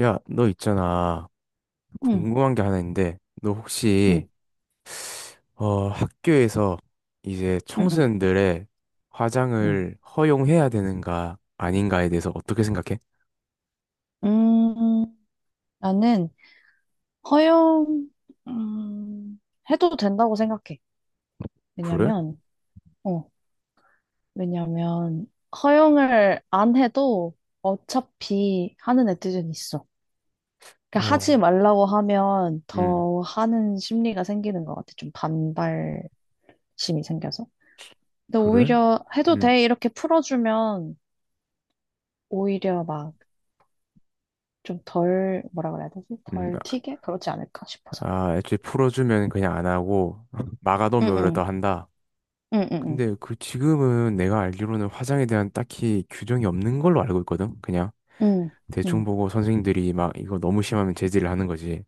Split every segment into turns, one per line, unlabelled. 야, 너 있잖아.
응,
궁금한 게 하나 있는데, 너
응,
혹시, 학교에서 이제
응, 응,
청소년들의
응.
화장을 허용해야 되는가, 아닌가에 대해서 어떻게 생각해?
음, 나는 허용, 음, 해도 된다고 생각해.
그래?
왜냐면, 어, 왜냐면, 허용을 안 해도 어차피 하는 애들은 있어. 그러니까
어,
하지 말라고 하면
음,
더 하는 심리가 생기는 것 같아. 좀 반발심이 생겨서. 근데
그래?
오히려 해도
음,
돼. 이렇게 풀어주면 오히려 막 좀 덜, 뭐라 그래야 되지?
음,
덜 튀게? 그렇지 않을까 싶어서.
아, 애초에 풀어주면 그냥 안 하고, 막아놓으면 오히려
응응.
더 한다.
응, 응,
근데 그 지금은 내가 알기로는 화장에 대한 딱히 규정이 없는 걸로 알고 있거든? 그냥
응, 응,
대충
응,
보고 선생님들이 막 이거 너무 심하면 제지를 하는 거지.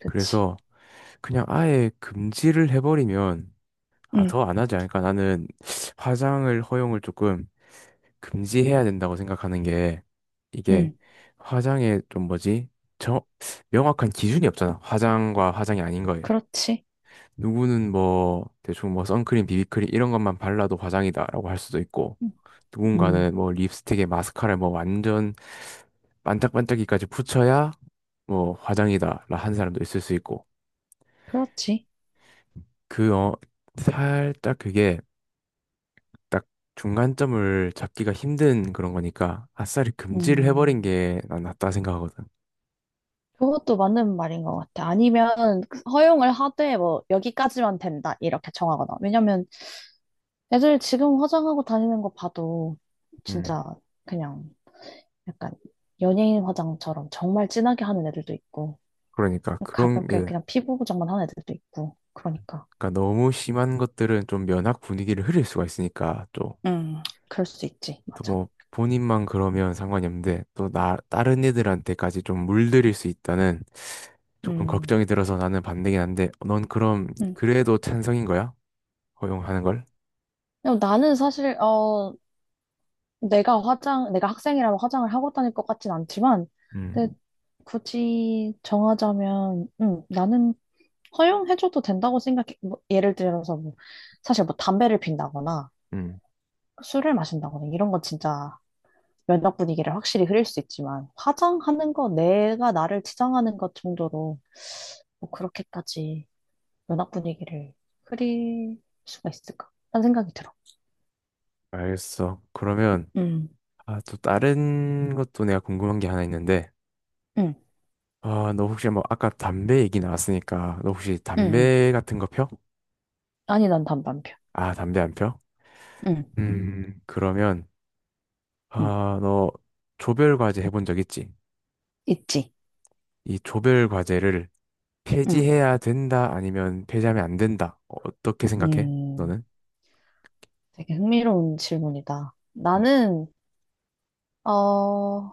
그치.
그래서, 그냥 아예 금지를 해버리면 아,
응,
더 안 하지 않을까? 나는 화장을 허용을 조금 금지해야 된다고 생각하는 게 이게
응,
화장에 좀 뭐지? 저 명확한 기준이 없잖아. 화장과 화장이 아닌 거에.
그렇지.
누구는 뭐 대충 뭐 선크림, 비비크림 이런 것만 발라도 화장이다라고 할 수도 있고
응, 응,
누군가는 뭐 립스틱에 마스카라에 뭐 완전 반짝반짝이까지 붙여야 뭐 화장이다라 한 사람도 있을 수 있고
그렇지.
그 살짝 그게 중간점을 잡기가 힘든 그런 거니까 아싸리 금지를
음,
해버린 게 난 낫다 생각하거든.
그것도 맞는 말인 것 같아. 아니면 허용을 하되 뭐 여기까지만 된다 이렇게 정하거나. 왜냐면 애들 지금 화장하고 다니는 거 봐도
음,
진짜 그냥 약간 연예인 화장처럼 정말 진하게 하는 애들도 있고
그러니까 그런
가볍게
게
그냥 피부 보정만 하는 애들도 있고 그러니까.
그러니까 너무 심한 것들은 좀 면학 분위기를 흐릴 수가 있으니까 또
음, 그럴 수 있지.
또
맞아.
뭐 본인만 그러면 상관이 없는데 또 나 다른 애들한테까지 좀 물들일 수 있다는 조금
음,
걱정이 들어서 나는 반대긴 한데 넌 그럼
음.
그래도 찬성인 거야? 허용하는 걸?
근데 나는 내가 내가 학생이라면 화장을 하고 다닐 것 같진 않지만,
음,
근데 굳이 정하자면, 나는 허용해줘도 된다고 생각해. 뭐, 예를 들어서, 뭐, 사실 뭐 담배를 핀다거나
음,
술을 마신다거나 이런 건 진짜 면역 분위기를 확실히 흐릴 수 있지만, 화장하는 거, 내가 나를 치장하는 것 정도로, 뭐, 그렇게까지 면역 분위기를 흐릴 수가 있을까? 라는 생각이 들어.
알겠어. 그러면
음.
아, 또 다른 것도 내가 궁금한 게 하나 있는데
응,
아, 너 혹시 뭐 아까 담배 얘기 나왔으니까 너 혹시
응, 응.
담배 같은 거 펴?
아니, 난 담배 안 피워.
아, 담배 안 펴?
응,
그러면
응.
아, 너 조별 과제 해본 적 있지?
있지.
이 조별 과제를
응.
폐지해야 된다 아니면 폐지하면 안 된다. 어떻게 생각해?
음,
너는?
되게 흥미로운 질문이다.
음.
어,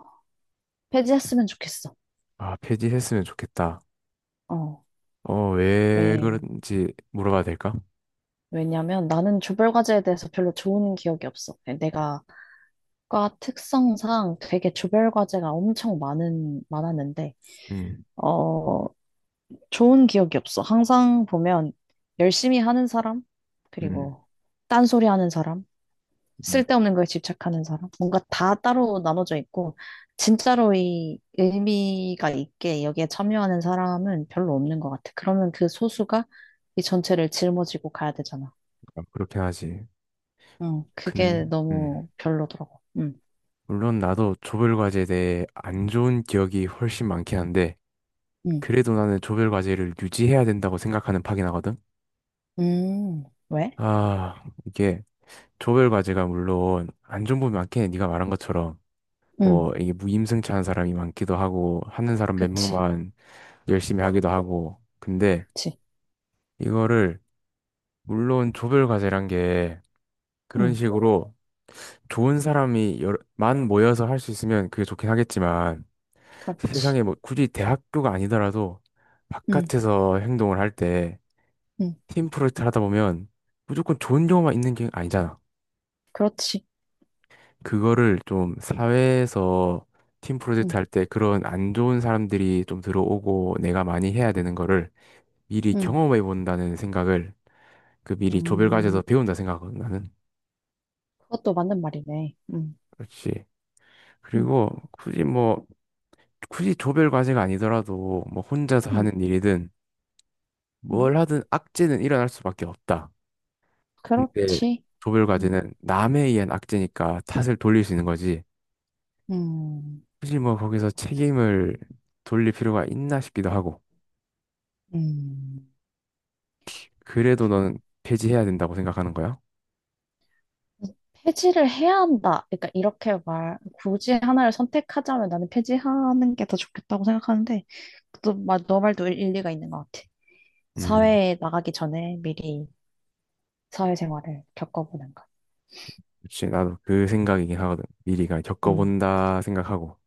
폐지했으면 좋겠어.
아, 폐지했으면 좋겠다.
어,
어, 왜
왜,
그런지 물어봐도 될까?
왜냐면 나는 조별과제에 대해서 별로 좋은 기억이 없어. 네, 내가 과 특성상 되게 조별과제가 엄청 많았는데,
음,
어, 좋은 기억이 없어. 항상 보면 열심히 하는 사람,
음,
그리고 딴소리 하는 사람,
음.
쓸데없는 거에 집착하는 사람. 뭔가 다 따로 나눠져 있고, 진짜로 이 의미가 있게 여기에 참여하는 사람은 별로 없는 것 같아. 그러면 그 소수가 이 전체를 짊어지고 가야 되잖아.
아, 그렇긴 하지.
응, 그게
근, 음.
너무 별로더라고. 응,
물론 나도 조별 과제에 대해 안 좋은 기억이 훨씬 많긴 한데
응,
그래도 나는 조별 과제를 유지해야 된다고 생각하는 파긴 하거든.
음, 왜?
아, 이게 조별 과제가 물론 안 좋은 부분이 많긴 해. 네가 말한 것처럼
응,
뭐 이게 무임승차한 사람이 많기도 하고 하는 사람 몇
그치,
명만 열심히 하기도 하고. 근데
그치,
이거를 물론 조별 과제란 게 그런
응,
식으로 만 모여서 할 수 있으면 그게 좋긴 하겠지만
그렇지,
세상에 뭐 굳이 대학교가 아니더라도
응,
바깥에서 행동을 할때
응,
팀 프로젝트를 하다 보면 무조건 좋은 경우만 있는 게 아니잖아.
그렇지,
그거를 좀 사회에서 팀 프로젝트
응,
할 때 그런 안 좋은 사람들이 좀 들어오고 내가 많이 해야 되는 거를 미리
응,
경험해 본다는 생각을 그 미리 조별
음,
과제에서 배운다 생각하거든 나는.
그것도 맞는 말이네. 응,
그렇지.
응,
그리고 굳이 뭐 굳이 조별 과제가 아니더라도 뭐 혼자서
응,
하는 일이든
응,
뭘 하든 악재는 일어날 수밖에 없다. 근데
그렇지.
조별
응,
과제는 남에 의한 악재니까 탓을 돌릴 수 있는 거지.
음,
굳이 뭐 거기서
맞아.
책임을 돌릴 필요가 있나 싶기도 하고
음,
그래도
좀
너는 폐지해야 된다고 생각하는 거야?
폐지를 해야 한다. 그러니까 이렇게 굳이 하나를 선택하자면 나는 폐지하는 게 더 좋겠다고 생각하는데, 또, 너 말도 일리가 있는 것 같아.
음,
사회에 나가기 전에 미리 사회생활을 겪어보는 것.
그치 나도 그 생각이긴 하거든 미리가
음,
겪어본다 생각하고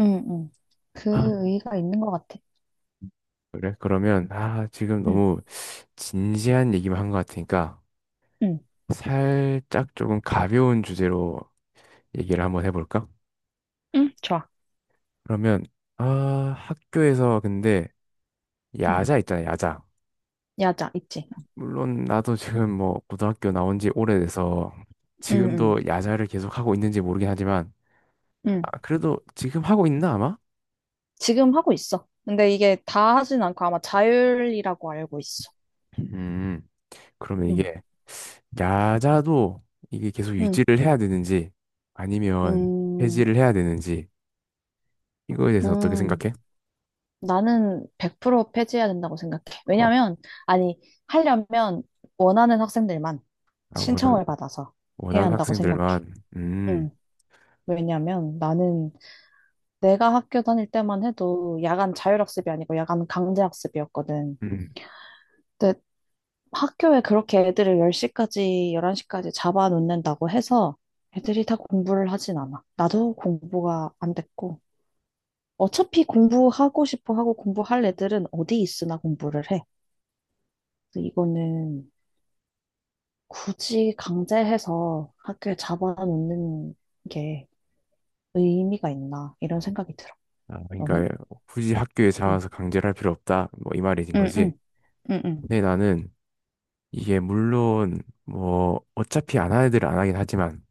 음, 음. 그 의의가 있는 것 같아.
그래? 그러면 아 지금
음,
너무 진지한 얘기만 한 것 같으니까
음,
살짝 조금 가벼운 주제로 얘기를 한번 해볼까?
좋아.
그러면 아 학교에서 근데
음,
야자 있잖아 야자
야자, 있지.
물론 나도 지금 뭐 고등학교 나온 지 오래돼서
음, 음,
지금도 야자를 계속 하고 있는지 모르긴 하지만
음.
아, 그래도 지금 하고 있나 아마?
지금 하고 있어. 근데 이게 다 하진 않고 아마 자율이라고 알고 있어.
음 그러면
음,
이게 야자도 이게 계속
음,
유지를 해야 되는지 아니면
음.
폐지를 해야 되는지 이거에 대해서 어떻게
음,
생각해?
나는 100% 폐지해야 된다고 생각해.
어,
왜냐면, 아니, 하려면 원하는 학생들만
아,
신청을 받아서 해야
원하는
한다고 생각해.
학생들만
음, 왜냐면 나는 내가 학교 다닐 때만 해도 야간 자율학습이 아니고 야간 강제학습이었거든.
음.
근데 학교에 그렇게 애들을 10시까지, 11시까지 잡아놓는다고 해서 애들이 다 공부를 하진 않아. 나도 공부가 안 됐고. 어차피 공부하고 싶어 하고 공부할 애들은 어디 있으나 공부를 해. 그래서 이거는 굳이 강제해서 학교에 잡아놓는 게 의미가 있나 이런 생각이 들어.
아,
너는?
그러니까 굳이 학교에
응,
잡아서 강제를 할 필요 없다 뭐 이 말이된
응,
거지.
응, 응, 응.
근데 나는 이게 물론 뭐 어차피 안 하는 애들은 안 하긴 하지만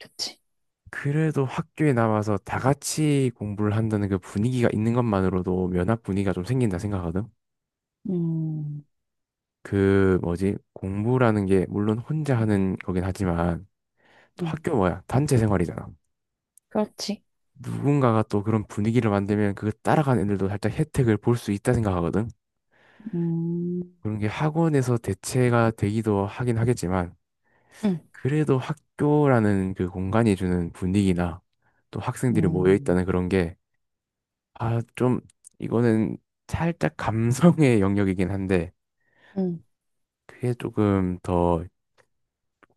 그치.
그래도 학교에 남아서 다 같이 공부를 한다는 그 분위기가 있는 것만으로도 면학 분위기가 좀 생긴다 생각하거든.
음,
그 뭐지? 공부라는 게 물론 혼자 하는 거긴 하지만 또
응,
학교 뭐야? 단체 생활이잖아.
그렇지.
누군가가 또 그런 분위기를 만들면 그 따라가는 애들도 살짝 혜택을 볼 수 있다 생각하거든.
음,
그런 게 학원에서 대체가 되기도 하긴 하겠지만
응,
그래도 학교라는 그 공간이 주는 분위기나 또 학생들이 모여
음,
있다는 그런 게, 아, 좀, 이거는 살짝 감성의 영역이긴 한데,
응,
그게 조금 더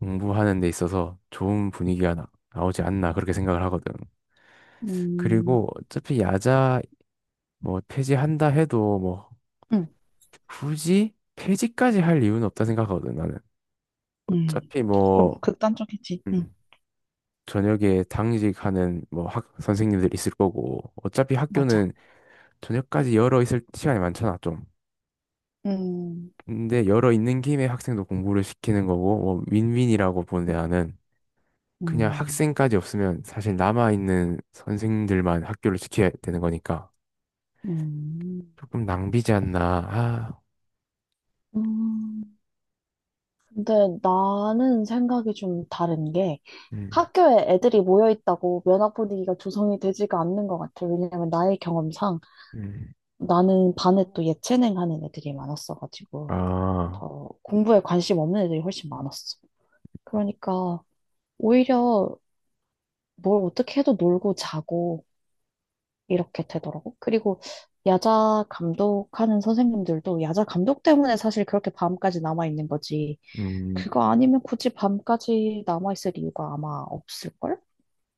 공부하는 데 있어서 좋은 분위기가 나오지 않나, 그렇게 생각을 하거든.
음,
그리고 어차피 야자 뭐 폐지한다 해도 뭐
응,
굳이 폐지까지 할 이유는 없다 생각하거든, 나는.
응.
어차피
좀
뭐,
극단적이지. 응.
음, 저녁에 당직하는 뭐 선생님들 있을 거고, 어차피
맞아.
학교는 저녁까지 열어 있을 시간이 많잖아, 좀.
음,
근데 열어 있는 김에 학생도 공부를 시키는 거고, 뭐, 윈윈이라고 보는데 나는 그냥
음,
학생까지 없으면 사실 남아있는 선생님들만 학교를 지켜야 되는 거니까
음,
조금 낭비지 않나. 아,
음. 근데 나는 생각이 좀 다른 게
음,
학교에 애들이 모여 있다고 면학 분위기가 조성이 되지가 않는 것 같아요. 왜냐면 나의 경험상
음,
나는 반에 또 예체능 하는 애들이 많았어가지고
아,
더 공부에 관심 없는 애들이 훨씬 많았어. 그러니까 오히려 뭘 어떻게 해도 놀고 자고 이렇게 되더라고. 그리고 야자 감독하는 선생님들도 야자 감독 때문에 사실 그렇게 밤까지 남아 있는 거지.
음,
그거 아니면 굳이 밤까지 남아 있을 이유가 아마 없을걸?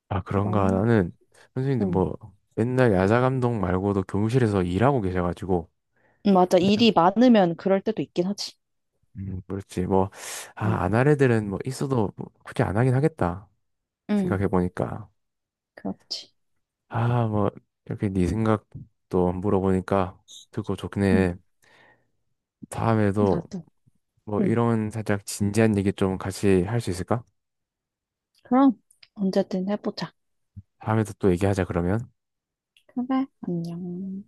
아,
그래서
그런가.
나는
나는 선생님들
응.
뭐, 맨날 야자 감독 말고도 교무실에서 일하고 계셔가지고,
맞아.
그냥,
일이 많으면 그럴 때도 있긴 하지.
그렇지. 뭐,
응,
아, 안 할 애들은 뭐, 있어도 뭐 굳이 안 하긴 하겠다.
응,
생각해보니까.
그렇지.
아, 뭐, 이렇게 네 생각도 물어보니까 듣고
응,
좋네. 다음에도
나도.
뭐
응,
이런 살짝 진지한 얘기 좀 같이 할 수 있을까?
그럼 언제든 해보자.
다음에도 또 얘기하자, 그러면.
그래, 안녕.